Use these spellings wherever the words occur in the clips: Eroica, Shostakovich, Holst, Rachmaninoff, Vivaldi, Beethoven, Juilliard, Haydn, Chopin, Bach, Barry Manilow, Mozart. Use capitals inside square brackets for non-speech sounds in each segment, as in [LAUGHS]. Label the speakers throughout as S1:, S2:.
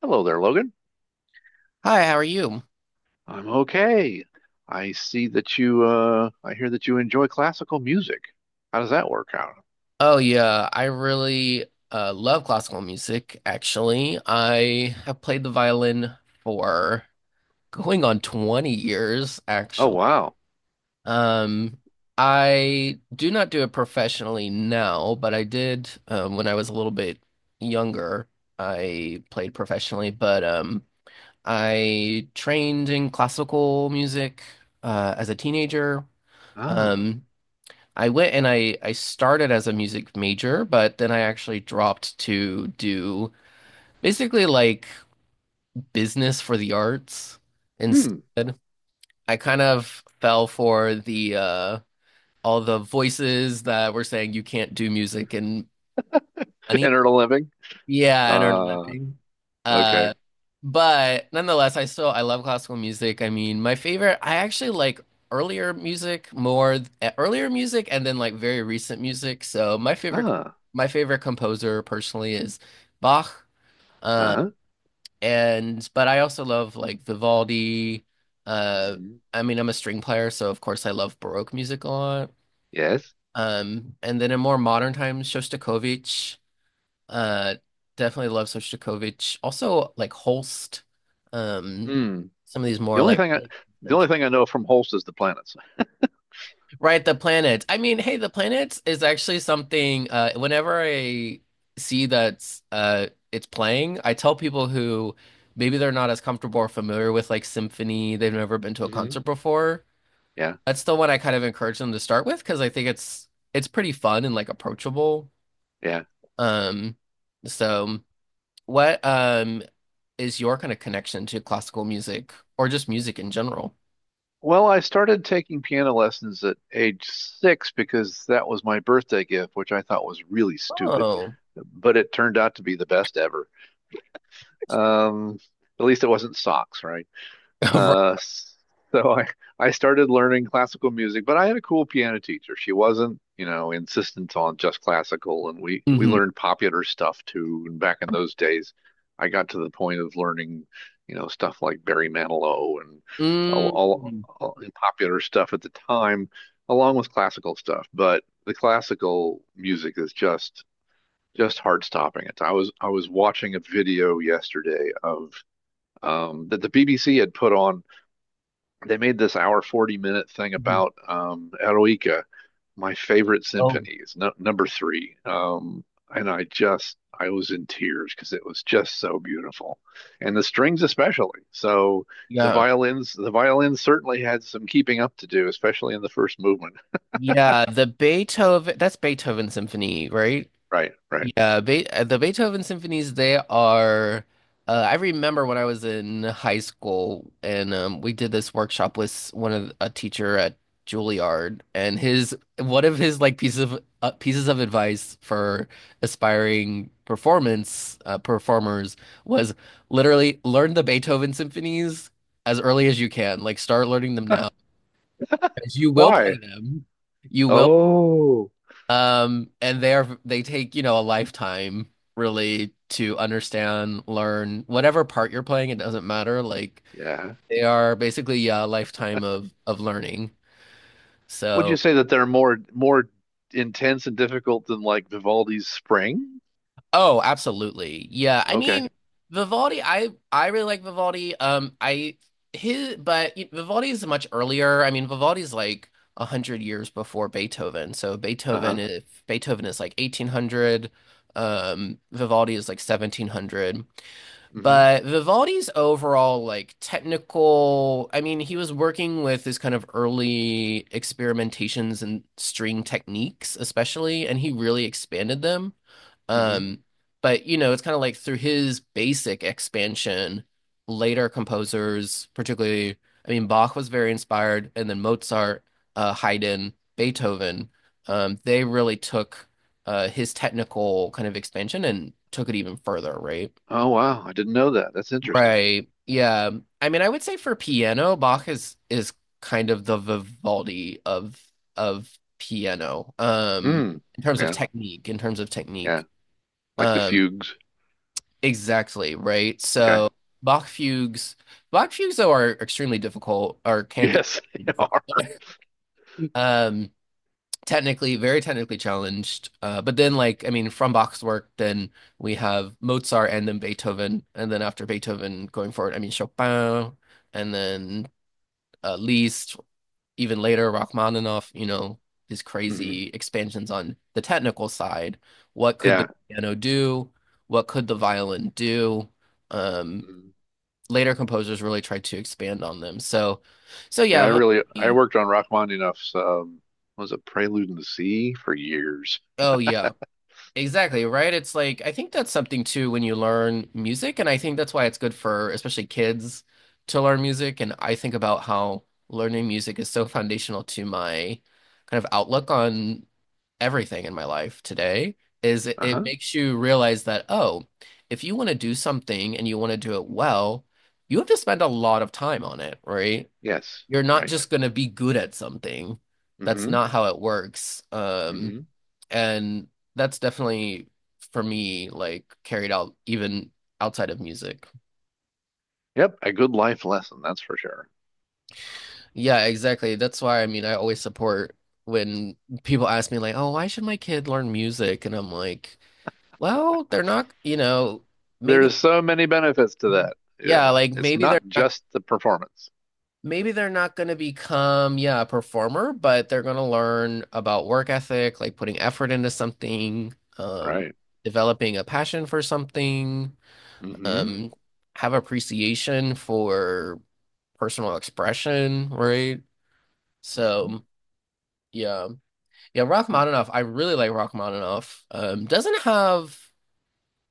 S1: Hello there, Logan.
S2: Hi, how are you?
S1: I'm okay. I hear that you enjoy classical music. How does that work out?
S2: Oh yeah, I really love classical music, actually. I have played the violin for going on 20 years,
S1: Oh
S2: actually.
S1: wow.
S2: Um, I do not do it professionally now, but I did when I was a little bit younger. I played professionally, but I trained in classical music as a teenager.
S1: Ah.
S2: Um, I went and I started as a music major, but then I actually dropped to do basically like business for the arts
S1: Hmm.
S2: instead. I kind of fell for the all the voices that were saying you can't do music and
S1: [LAUGHS]
S2: money.
S1: And earn a living?
S2: Yeah, and don't know.
S1: Uh okay.
S2: Uh, but nonetheless, I still I love classical music. I mean, my favorite, I actually like earlier music more, earlier music, and then like very recent music. So
S1: Ah.
S2: my favorite composer personally is Bach. Uh,
S1: Uh-huh.
S2: and but I also love like Vivaldi. Uh,
S1: Hmm.
S2: I mean, I'm a string player, so of course I love Baroque music a lot.
S1: Yes.
S2: And then in more modern times, Shostakovich. Uh, Definitely love Sostakovich. Also, like Holst. Um,
S1: Hmm.
S2: some of these
S1: The
S2: more
S1: only
S2: like
S1: thing I the only thing I know from Holst is the planets.
S2: right, the planets. I mean, hey, the planets is actually something. Whenever I see that's it's playing, I tell people who maybe they're not as comfortable or familiar with like symphony, they've never been to a
S1: Hmm.
S2: concert before.
S1: Yeah.
S2: That's the one I kind of encourage them to start with because I think it's pretty fun and like approachable.
S1: Yeah.
S2: Um, so. What Is your kind of connection to classical music or just music in general?
S1: Well, I started taking piano lessons at age 6 because that was my birthday gift, which I thought was really stupid,
S2: Oh,
S1: but it turned out to be the best ever. Um, at least it wasn't socks, right?
S2: [LAUGHS] right.
S1: Uh, so [LAUGHS] I started learning classical music, but I had a cool piano teacher. She wasn't, insistent on just classical, and we
S2: Hmm.
S1: learned popular stuff too. And back in those days, I got to the point of learning, stuff like Barry Manilow and all,
S2: Mm.
S1: all, all the popular stuff at the time, along with classical stuff. But the classical music is just heart stopping. It's I was watching a video yesterday of that the BBC had put on. They made this hour 40-minute thing
S2: Mhm.
S1: about Eroica, my favorite
S2: Oh,
S1: symphonies, no, number three. And I was in tears because it was just so beautiful. And the strings, especially. So the
S2: yeah.
S1: violins, the violins certainly had some keeping up to do, especially in the first movement.
S2: Yeah, the Beethoven, that's Beethoven Symphony, right?
S1: Right, right.
S2: Yeah, Be the Beethoven symphonies, they are I remember when I was in high school and we did this workshop with one of a teacher at Juilliard and his one of his like pieces of advice for aspiring performance performers was literally learn the Beethoven symphonies as early as you can. Like start learning them now, now
S1: [LAUGHS]
S2: 'cause you will play
S1: Why?
S2: them. You will
S1: Oh,
S2: and they take, you know, a lifetime really to understand, learn whatever part you're playing, it doesn't matter. Like
S1: yeah.
S2: they are basically yeah, a lifetime of learning.
S1: Would you
S2: So,
S1: say that they're more intense and difficult than like Vivaldi's Spring?
S2: oh, absolutely. Yeah. I
S1: Okay.
S2: mean, Vivaldi, I really like Vivaldi. I his but Vivaldi is much earlier. I mean, Vivaldi's like a hundred years before Beethoven. So
S1: Uh-huh.
S2: Beethoven is like 1800. Vivaldi is like 1700.
S1: Mm-hmm.
S2: But Vivaldi's overall, like technical, I mean, he was working with his kind of early experimentations and string techniques, especially, and he really expanded them.
S1: Hmm.
S2: Um, but you know, it's kind of like through his basic expansion, later composers, particularly, I mean, Bach was very inspired, and then Mozart, Haydn, Beethoven, they really took his technical kind of expansion and took it even further, right?
S1: Oh wow, I didn't know that. That's interesting.
S2: Right. Yeah. I mean, I would say for piano, Bach is kind of the Vivaldi of piano.
S1: Mm.
S2: In terms of
S1: Yeah,
S2: technique, in terms of
S1: yeah.
S2: technique.
S1: Like the
S2: Um,
S1: fugues.
S2: exactly, right?
S1: Okay.
S2: So Bach fugues, Bach fugues though are extremely difficult or can be
S1: Yes, [LAUGHS] they
S2: difficult.
S1: are.
S2: Um, Technically, very technically challenged. But then like, I mean, from Bach's work, then we have Mozart and then Beethoven, and then after Beethoven going forward, I mean Chopin and then at least even later Rachmaninoff, you know, his
S1: Hmm.
S2: crazy expansions on the technical side. What could the
S1: Yeah.
S2: piano do? What could the violin do? Um,
S1: Mhm.
S2: Later composers really tried to expand on them. So, so
S1: Yeah,
S2: yeah.
S1: I
S2: Vivaldi-
S1: worked on Rachmaninoff's was it Prelude in the Sea for years.
S2: Oh yeah, exactly, right? It's like I think that's something too when you learn music, and I think that's why it's good for especially kids to learn music. And I think about how learning music is so foundational to my kind of outlook on everything in my life today is it
S1: Uh-huh.
S2: makes you realize that, oh, if you want to do something and you want to do it well, you have to spend a lot of time on it, right?
S1: Yes,
S2: You're not
S1: right.
S2: just going to be good at something. That's
S1: Hmm.
S2: not how it works.
S1: Hmm.
S2: And that's definitely for me, like carried out even outside of music.
S1: Yep, a good life lesson, that's for sure.
S2: Yeah, exactly. That's why I mean, I always support when people ask me like, "Oh, why should my kid learn music?" And I'm like, well, they're not, you know, maybe
S1: There's so many benefits to that.
S2: yeah,
S1: Yeah.
S2: like
S1: It's not just the performance.
S2: maybe they're not going to become yeah, a performer, but they're going to learn about work ethic, like putting effort into something,
S1: Right.
S2: developing a passion for something,
S1: Hmm.
S2: um, have appreciation for personal expression, right?
S1: Hmm.
S2: So, yeah. Yeah, Rachmaninoff, I really like Rachmaninoff. Doesn't have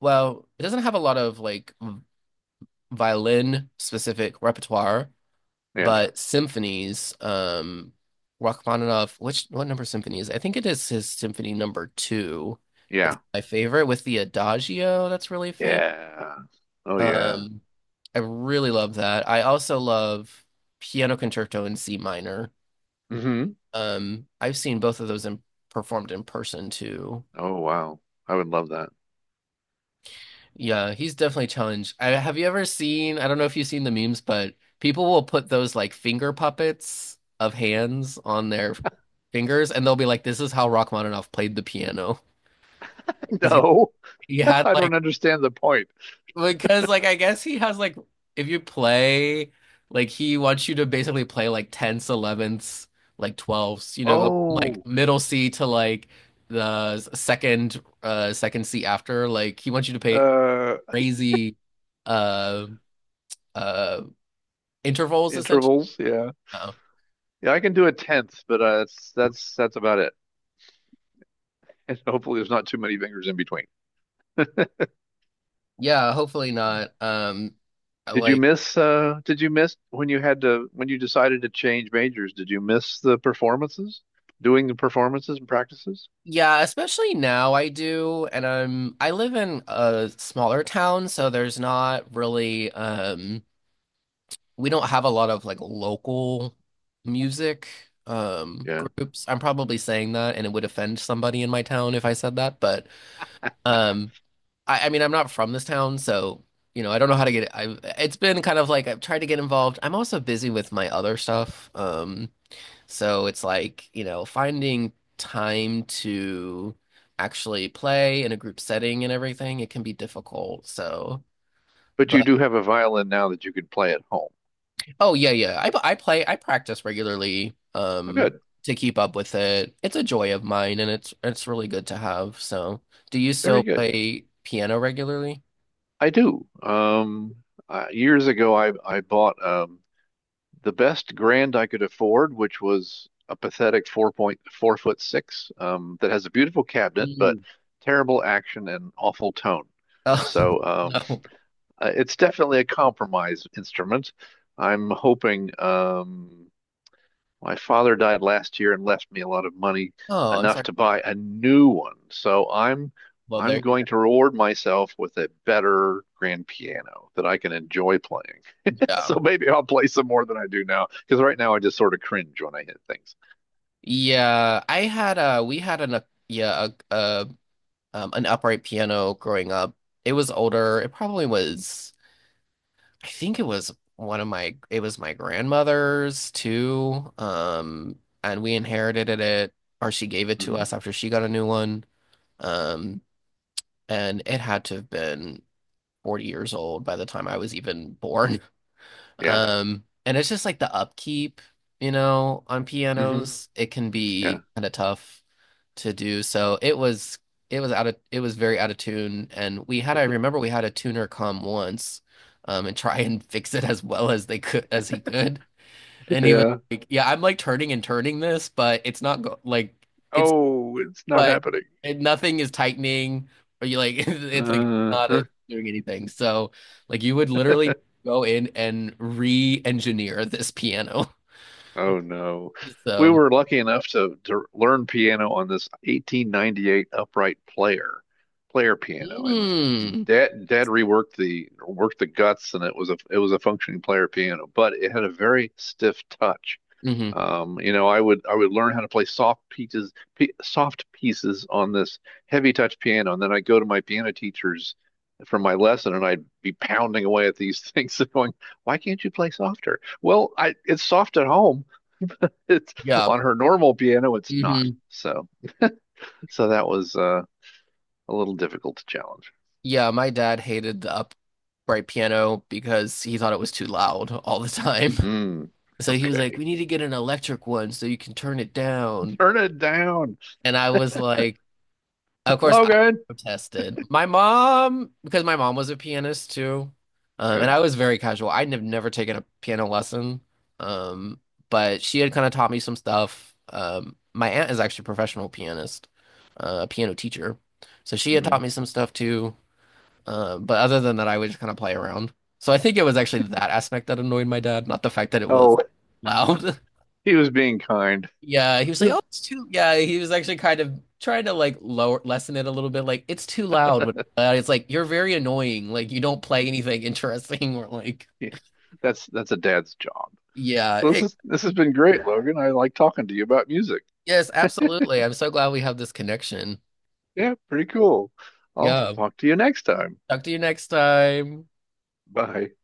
S2: well, it doesn't have a lot of like violin specific repertoire,
S1: Yeah.
S2: but symphonies, Rachmaninoff, which what number symphony is it? I think it is his symphony number two is
S1: Yeah.
S2: my favorite with the Adagio that's really famous.
S1: Yeah. Oh yeah.
S2: Um, I really love that. I also love Piano Concerto in C minor.
S1: Mm-hmm.
S2: I've seen both of those in, performed in person too.
S1: Oh, wow. I would love that.
S2: Yeah, he's definitely challenged. I, have you ever seen, I don't know if you've seen the memes, but people will put those like finger puppets of hands on their fingers and they'll be like, this is how Rachmaninoff played the piano. [LAUGHS]
S1: [LAUGHS]
S2: 'Cause
S1: No,
S2: he
S1: [LAUGHS]
S2: had
S1: I
S2: like,
S1: don't understand the point.
S2: because like, I guess he has like, if you play, like he wants you to basically play like tenths, elevenths, like twelfths, you know, go from,
S1: Oh,
S2: like middle C to like the second C after. Like he wants you to play
S1: uh,
S2: crazy. uh, uh Intervals essentially.
S1: intervals. Yeah,
S2: Oh.
S1: yeah. I can do a tenth, but that's about it. [LAUGHS] And hopefully, there's not too many fingers in between.
S2: Yeah, hopefully not. I
S1: Did you
S2: like
S1: miss? Did you miss when you had to when you decided to change majors? Did you miss doing the performances and practices?
S2: Yeah, especially now I do and I'm I live in a smaller town so there's not really we don't have a lot of like local music
S1: Yeah.
S2: groups. I'm probably saying that and it would offend somebody in my town if I said that, but um I mean I'm not from this town so you know, I don't know how to get it. I've, it's been kind of like I've tried to get involved. I'm also busy with my other stuff. So it's like, you know, finding time to actually play in a group setting and everything, it can be difficult. So,
S1: But you
S2: but
S1: do have a violin now that you could play at home.
S2: oh yeah, yeah. I practice regularly
S1: Oh, good,
S2: to keep up with it. It's a joy of mine and it's really good to have. So, do you still
S1: very good.
S2: play piano regularly?
S1: I do. Years ago, I bought the best grand I could afford, which was a pathetic four point four foot six that has a beautiful cabinet but
S2: Mm.
S1: terrible action and awful tone.
S2: Oh,
S1: So
S2: [LAUGHS]
S1: um,
S2: no.
S1: uh, it's definitely a compromise instrument. I'm hoping, my father died last year and left me a lot of money,
S2: Oh, I'm
S1: enough
S2: sorry.
S1: to buy a new one. So I'm
S2: Well,
S1: I'm
S2: there you go.
S1: going to reward myself with a better grand piano that I can enjoy playing. [LAUGHS]
S2: Yeah.
S1: So maybe I'll play some more than I do now, because right now I just sort of cringe when I hit things.
S2: Yeah, I had a we had an a yeah, a, an upright piano growing up. It was older. It probably was, I think it was it was my grandmother's too. And we inherited it, or she gave it to
S1: Hmm.
S2: us after she got a new one. Um, and it had to have been 40 years old by the time I was even born.
S1: Yeah.
S2: And it's just like the upkeep, you know, on Mhm.
S1: Hmm.
S2: pianos, it can
S1: Yeah.
S2: be kind of tough to do. So it was out of it was very out of tune, and we had I remember we had a tuner come once, and try [LAUGHS] and fix it as well as they could as he could, and he was
S1: Yeah.
S2: like, "Yeah, I'm like turning and turning this, but it's
S1: Oh, it's not
S2: but
S1: happening.
S2: it, nothing is tightening, or you like [LAUGHS] it's like not
S1: Uh, [LAUGHS]
S2: doing anything." So like you would literally go in and re-engineer this piano. [LAUGHS]
S1: Oh no. We
S2: So.
S1: were lucky enough to learn piano on this 1898 upright player piano. And
S2: Mm.
S1: dad reworked the worked the guts and it was a functioning player piano, but it had a very stiff touch.
S2: Hmm. Mm-hmm.
S1: I would learn how to play soft pieces on this heavy touch piano, and then I'd go to my piano teachers from my lesson, and I'd be pounding away at these [LAUGHS] things, and going, "Why can't you play softer?" Well, I it's soft at home, it's
S2: Yeah.
S1: on her normal piano, it's
S2: Mm-hmm.
S1: not. So, that was a little difficult to challenge.
S2: Yeah, my dad hated the upright piano because he thought it was too loud all the time. [LAUGHS]
S1: Mm,
S2: So he was
S1: okay,
S2: like, "We need to get an electric one so you can turn it down."
S1: [LAUGHS] turn it down,
S2: And I was like, of course I
S1: Logan.
S2: protested. My mom, because my mom was a pianist too, and
S1: Yeah.
S2: I was very casual. I'd have never taken a piano lesson, um, but she had kind of taught me some stuff. My aunt is actually a professional pianist, a piano teacher, so she had
S1: Hmm.
S2: taught me some stuff too. But other than that, I would just kind of play around. So I think it was actually that aspect that annoyed my dad, not the fact that it was
S1: Oh,
S2: loud. [LAUGHS]
S1: he was being kind.
S2: Yeah, he was like, "Oh,
S1: [LAUGHS]
S2: it's too." Yeah, he was actually kind of trying to like lower lessen it a little bit. Like it's too loud. But it's like you're very annoying. Like you don't play anything interesting [LAUGHS] or like
S1: Yeah, that's a dad's job.
S2: yeah.
S1: Well,
S2: It,
S1: this has been great, Logan. I like talking to you about music.
S2: yes, absolutely. I'm so glad we have this connection.
S1: Yeah, pretty cool. I'll
S2: Yeah.
S1: talk to you next time.
S2: Talk to you next time.
S1: Bye.